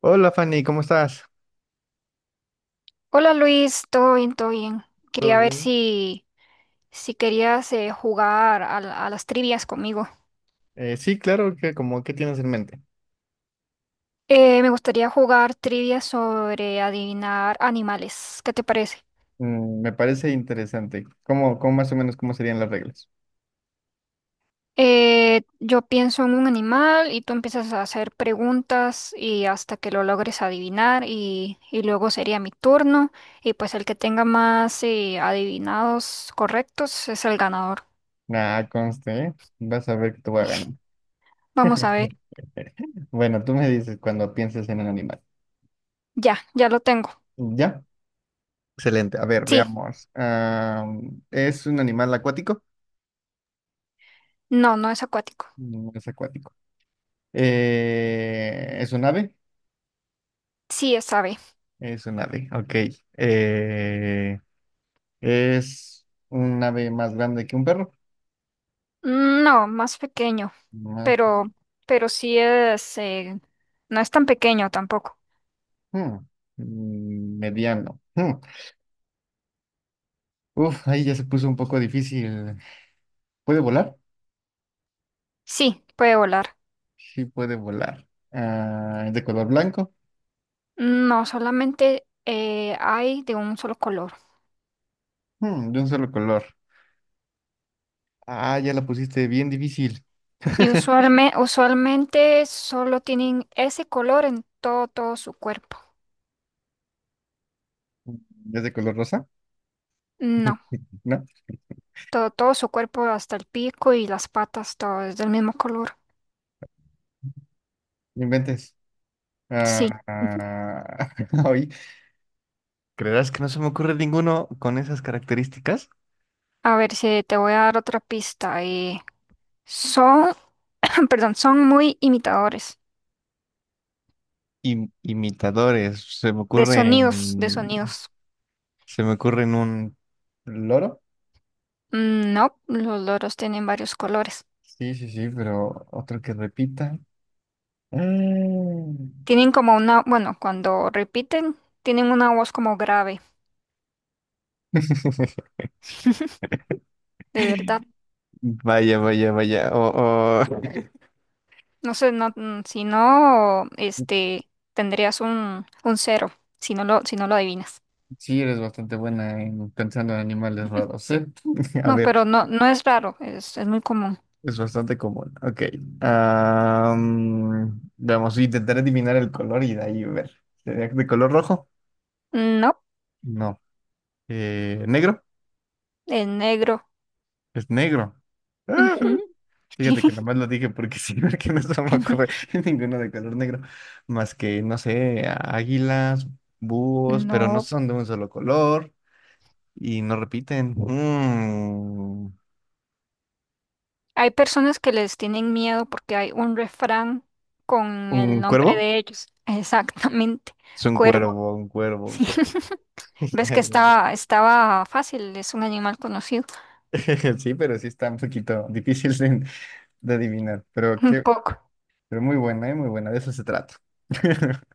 Hola, Fanny, ¿cómo estás? Hola Luis, todo bien, todo bien. ¿Todo Quería ver bien? si, si querías jugar a, a las trivias conmigo. Sí, claro, que como ¿qué tienes en mente? Me gustaría jugar trivias sobre adivinar animales. ¿Qué te parece? Me parece interesante. ¿Cómo más o menos cómo serían las reglas? Yo pienso en un animal y tú empiezas a hacer preguntas y hasta que lo logres adivinar y luego sería mi turno y pues el que tenga más adivinados correctos es el ganador. Ah, conste, ¿eh? Vas a ver que te voy a ganar. Vamos a ver. Bueno, tú me dices cuando pienses en un animal. Ya lo tengo. ¿Ya? Excelente. A ver, Sí, veamos. ¿Es un animal acuático? no, no es acuático. No es acuático. ¿Es un ave? Sí, es ave. Es un ave, ok. Eh, ¿Es un ave más grande que un perro? Mm, no, más pequeño, Más. pero, pero sí es, no es tan pequeño tampoco. Mm, Mediano. Uf, ahí ya se puso un poco difícil. ¿Puede volar? Sí, puede volar. Sí, puede volar. Ah, ¿es de color blanco? No, solamente hay de un solo color. Mm, de un solo color. Ah, ya la pusiste bien difícil. Y usualmente solo tienen ese color en todo, todo su cuerpo. ¿Es de color rosa? No, No, todo, todo su cuerpo, hasta el pico y las patas, todo es del mismo color. no inventes. Sí, Ah, ah, hoy, ¿creerás que no se me ocurre ninguno con esas características? a ver si te voy a dar otra pista. Son, perdón, son muy imitadores Imitadores. Se me de ocurre sonidos, de sonidos. se me ocurre en un loro. Mm, no, los loros tienen varios colores. Sí, sí, sí, pero otro que repita. Mm. Tienen como una, bueno, cuando repiten, tienen una voz como grave, de verdad. Vaya, vaya, vaya. Oh, oh. No sé, no, si no, este, tendrías un cero, si no lo, si no lo adivinas. Sí, eres bastante buena en pensando en animales raros, ¿eh? A No, pero ver, no, no es raro, es muy común. es bastante común. Ok. Vamos, intentar adivinar el color y de ahí ver. ¿Sería de color rojo? No, No. ¿Negro? es negro. Es negro. Ah, Ujú. fíjate que nomás lo dije porque sí, porque no se me ocurre ninguno de color negro. Más que, no sé, águilas, búhos, pero no No, son de un solo color. Y no repiten. Mm. hay personas que les tienen miedo porque hay un refrán con el ¿Un nombre cuervo? de ellos. Exactamente, Es un cuervo. cuervo, un cuervo, un Sí. cuervo. ¿Ves Ya, que ya, estaba, estaba fácil? Es un animal conocido. ya. Sí, pero sí está un poquito difícil de adivinar. Pero, Un qué, poco. pero muy buena, ¿eh? Muy buena. De eso se trata.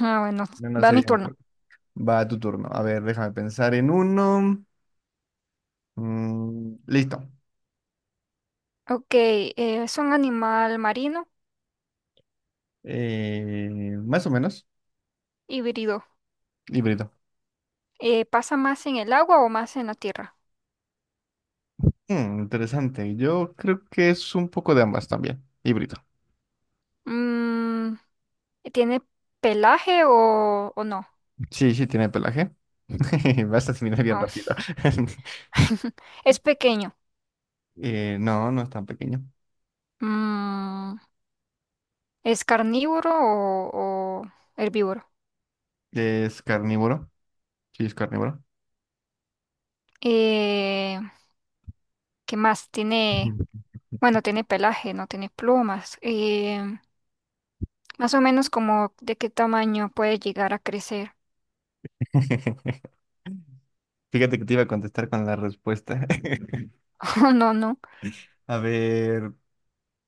Ah, bueno, No, no va mi sería un turno. cuervo. Va a tu turno. A ver, déjame pensar en uno. Mm, listo. Ok, es un animal marino Más o menos. híbrido. Híbrido. ¿Pasa más en el agua o más en la tierra? Mm, interesante. Yo creo que es un poco de ambas también. Híbrido. Mm, ¿tiene pelaje o no? Sí, sí, tiene pelaje. Vas a terminar bien No. rápido. Es pequeño. No, no es tan pequeño. Mm, ¿es carnívoro o herbívoro? Es carnívoro. Sí, es carnívoro. Eh, ¿Qué más? Tiene, Ujú. bueno, tiene pelaje, no tiene plumas. Más o menos como de qué tamaño puede llegar a crecer. Fíjate que te iba a contestar con la respuesta. Oh, no, no. A ver,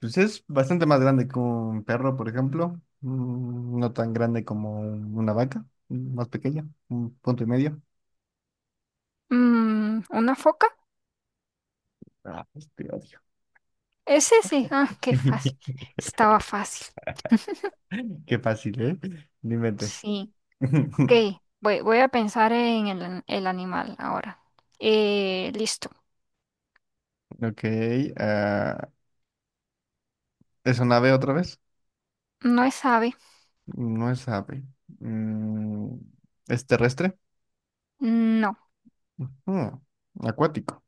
pues es bastante más grande que un perro, por ejemplo. Mm, no tan grande como una vaca, mm, más pequeña, un punto y medio. Mm, ¿una foca? Ah, pues te odio. Es ese. Sí. Ah, qué Sí, fácil. Estaba fácil. qué fácil, ¿eh? No inventes. Sí. Ok, voy, voy a pensar en el, el animal ahora. Listo. Ok, ah, ¿es un ave otra vez? No es ave. No es ave. Mm, ¿es terrestre? No. Ujú. Acuático.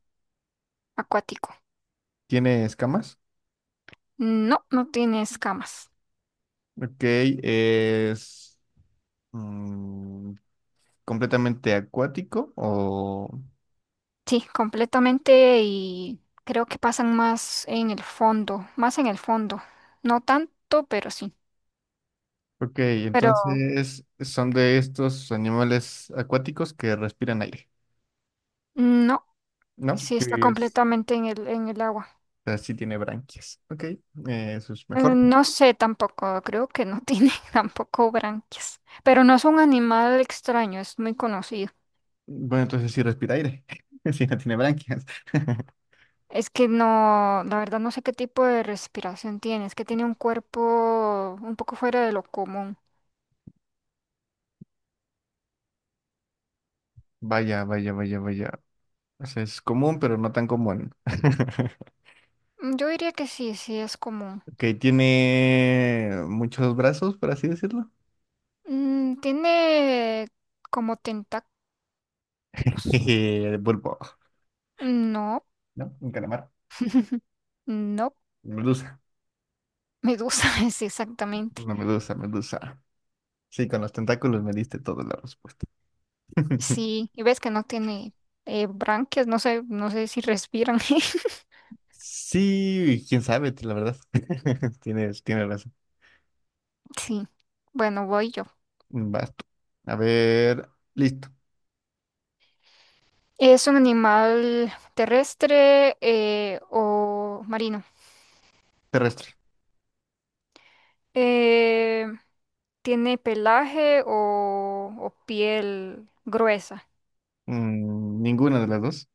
Acuático. ¿Tiene escamas? No, no tiene escamas. Ok, es, mm, completamente acuático o... Sí, completamente y creo que pasan más en el fondo, más en el fondo. No tanto, pero sí. Ok, Pero entonces son de estos animales acuáticos que respiran aire, no. ¿no? Sí, Sí, está es. completamente en el agua. O sea, sí tiene branquias. Ok, eso es mejor. No sé tampoco, creo que no tiene tampoco branquias. Pero no es un animal extraño, es muy conocido. Bueno, entonces sí respira aire. Sí, no tiene branquias. Es que no, la verdad no sé qué tipo de respiración tiene, es que tiene un cuerpo un poco fuera de lo común. Vaya, vaya, vaya, vaya. O sea, es común, pero no tan común. Mm, yo diría que sí, sí es común. Ok, tiene muchos brazos, por así decirlo. Mm, tiene como tentáculos. Jeje, pulpo. No, ¿No? Un calamar. no, Medusa. medusa es exactamente. Una medusa, medusa. Sí, con los tentáculos me diste toda la respuesta. Sí, y ves que no tiene branquias, no sé, no sé si respiran. Sí, quién sabe, la verdad. Tienes razón. Sí, bueno, voy yo. Basto. A ver, listo. ¿Es un animal terrestre o marino? Terrestre. Eh, ¿Tiene pelaje o piel gruesa? Mm, ninguna de las dos.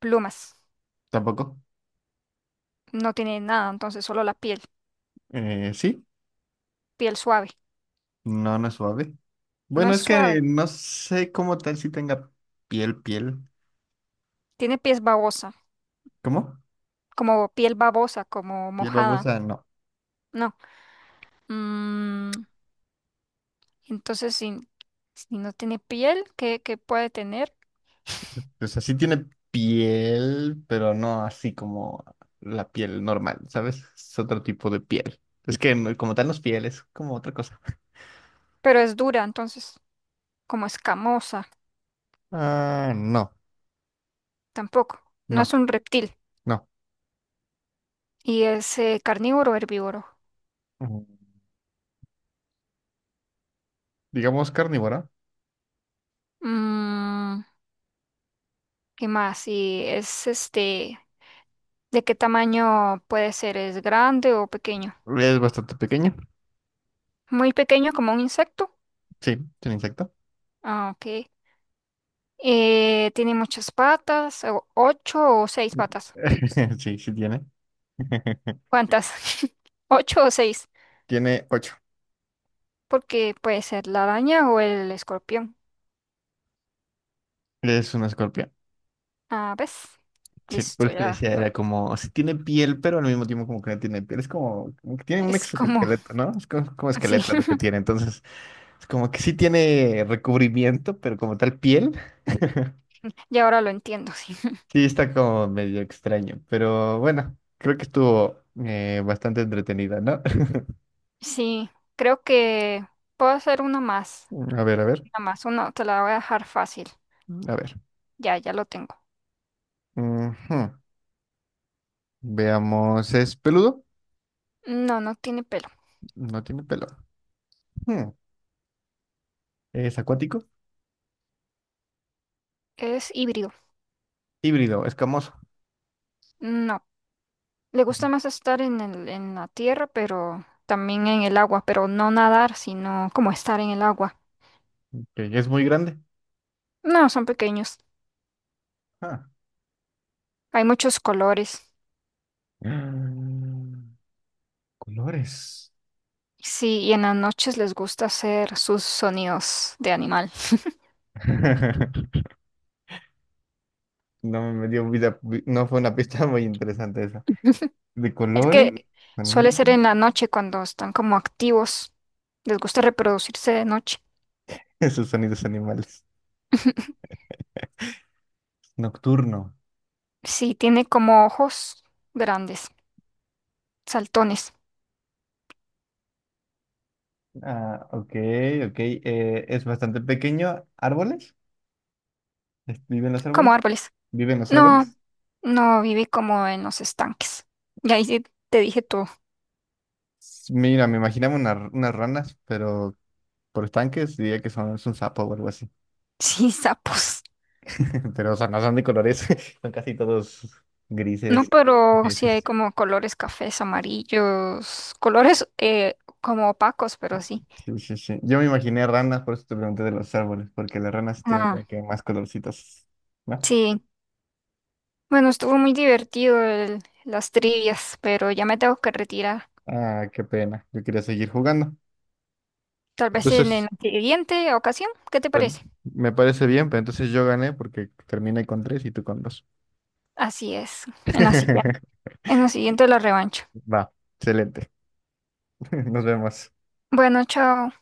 Plumas. Tampoco. No tiene nada, entonces solo la piel. Sí. Piel suave. No, no es suave. No Bueno, es es que suave. no sé cómo tal si tenga piel, piel. Tiene ¿Cómo? Piel babosa, como Piel mojada. babosa, no. No. Mm, entonces, si, si no tiene piel, ¿qué, qué puede tener? O sea, sí tiene piel, pero no así como la piel normal, ¿sabes? Es otro tipo de piel. Es que no- Como tal no es piel, es como otra cosa. Pero es dura, entonces, como escamosa, Ah, no, tampoco. No es no, un reptil. no. Y es carnívoro o herbívoro. Mm, digamos carnívora. Mm, ¿qué más? Y es este, ¿de qué tamaño puede ser? ¿Es grande o pequeño? Es bastante pequeña. Muy pequeño, como un insecto. Sí, tiene insecto. Ah, ok. Tiene muchas patas, ocho o seis patas. Sí, sí tiene. ¿Cuántas? ¿Ocho o seis? Tiene ocho. Porque puede ser la araña o el escorpión. Es un escorpión. Ah, ¿ves? Sí, por Listo, eso te ya. decía, era como, si tiene piel, pero al mismo tiempo como que no tiene piel. Es como, como que tiene un Es como exoesqueleto, ¿no? Es como, como así. esqueleto lo que tiene. Entonces, es como que sí tiene recubrimiento, pero como tal piel. Y ahora lo entiendo, sí. Sí, está como medio extraño. Pero bueno, creo que estuvo bastante entretenida, ¿no? Sí, creo que puedo hacer una más. A ver, a ver, Una más, una, te la voy a dejar fácil. a ver. Ya lo tengo. Ujú. Veamos, ¿es peludo? No, no tiene pelo. No tiene pelo. Hmm. ¿Es acuático? Es híbrido. Híbrido, escamoso. No. Le gusta más estar en el, en la tierra, pero también en el agua, pero no nadar, sino como estar en el agua. Ok, ¿es muy grande? No, son pequeños. Ah. Hay muchos colores. Mm. Colores. Sí, y en las noches les gusta hacer sus sonidos de animal. No me dio vida, no fue una pista muy interesante esa. De Es colores, que suele sonido, ser en la noche cuando están como activos. Les gusta reproducirse de noche. esos sonidos animales. Nocturno. Sí, tiene como ojos grandes, saltones, Ah, ok, ok. Es bastante pequeño. ¿Árboles? ¿Viven los árboles? como árboles. ¿Viven los No, árboles? no vive como en los estanques. Y ahí sí te dije todo. Mira, me imaginaba unas ranas, pero por estanques diría que son es un sapo o algo así. Sí, sapos. Pero o sea, no son de colores, son casi todos No, grises. pero sí hay Grises. como colores cafés, amarillos, colores como opacos, pero sí. Sí, sí, sí. Yo me imaginé ranas, por eso te pregunté de los árboles, porque las ranas sí tienen como Ah, que más colorcitos, ¿no? sí. Bueno, estuvo muy divertido las trivias, pero ya me tengo que retirar. Ah, qué pena. Yo quería seguir jugando. Tal vez en Entonces, la siguiente ocasión, ¿qué te pues, parece? me parece bien, pero entonces yo gané porque terminé con tres y tú con dos. Así es, en la siguiente, en la siguiente la revancha. Va, excelente. Nos vemos. Bueno, chao.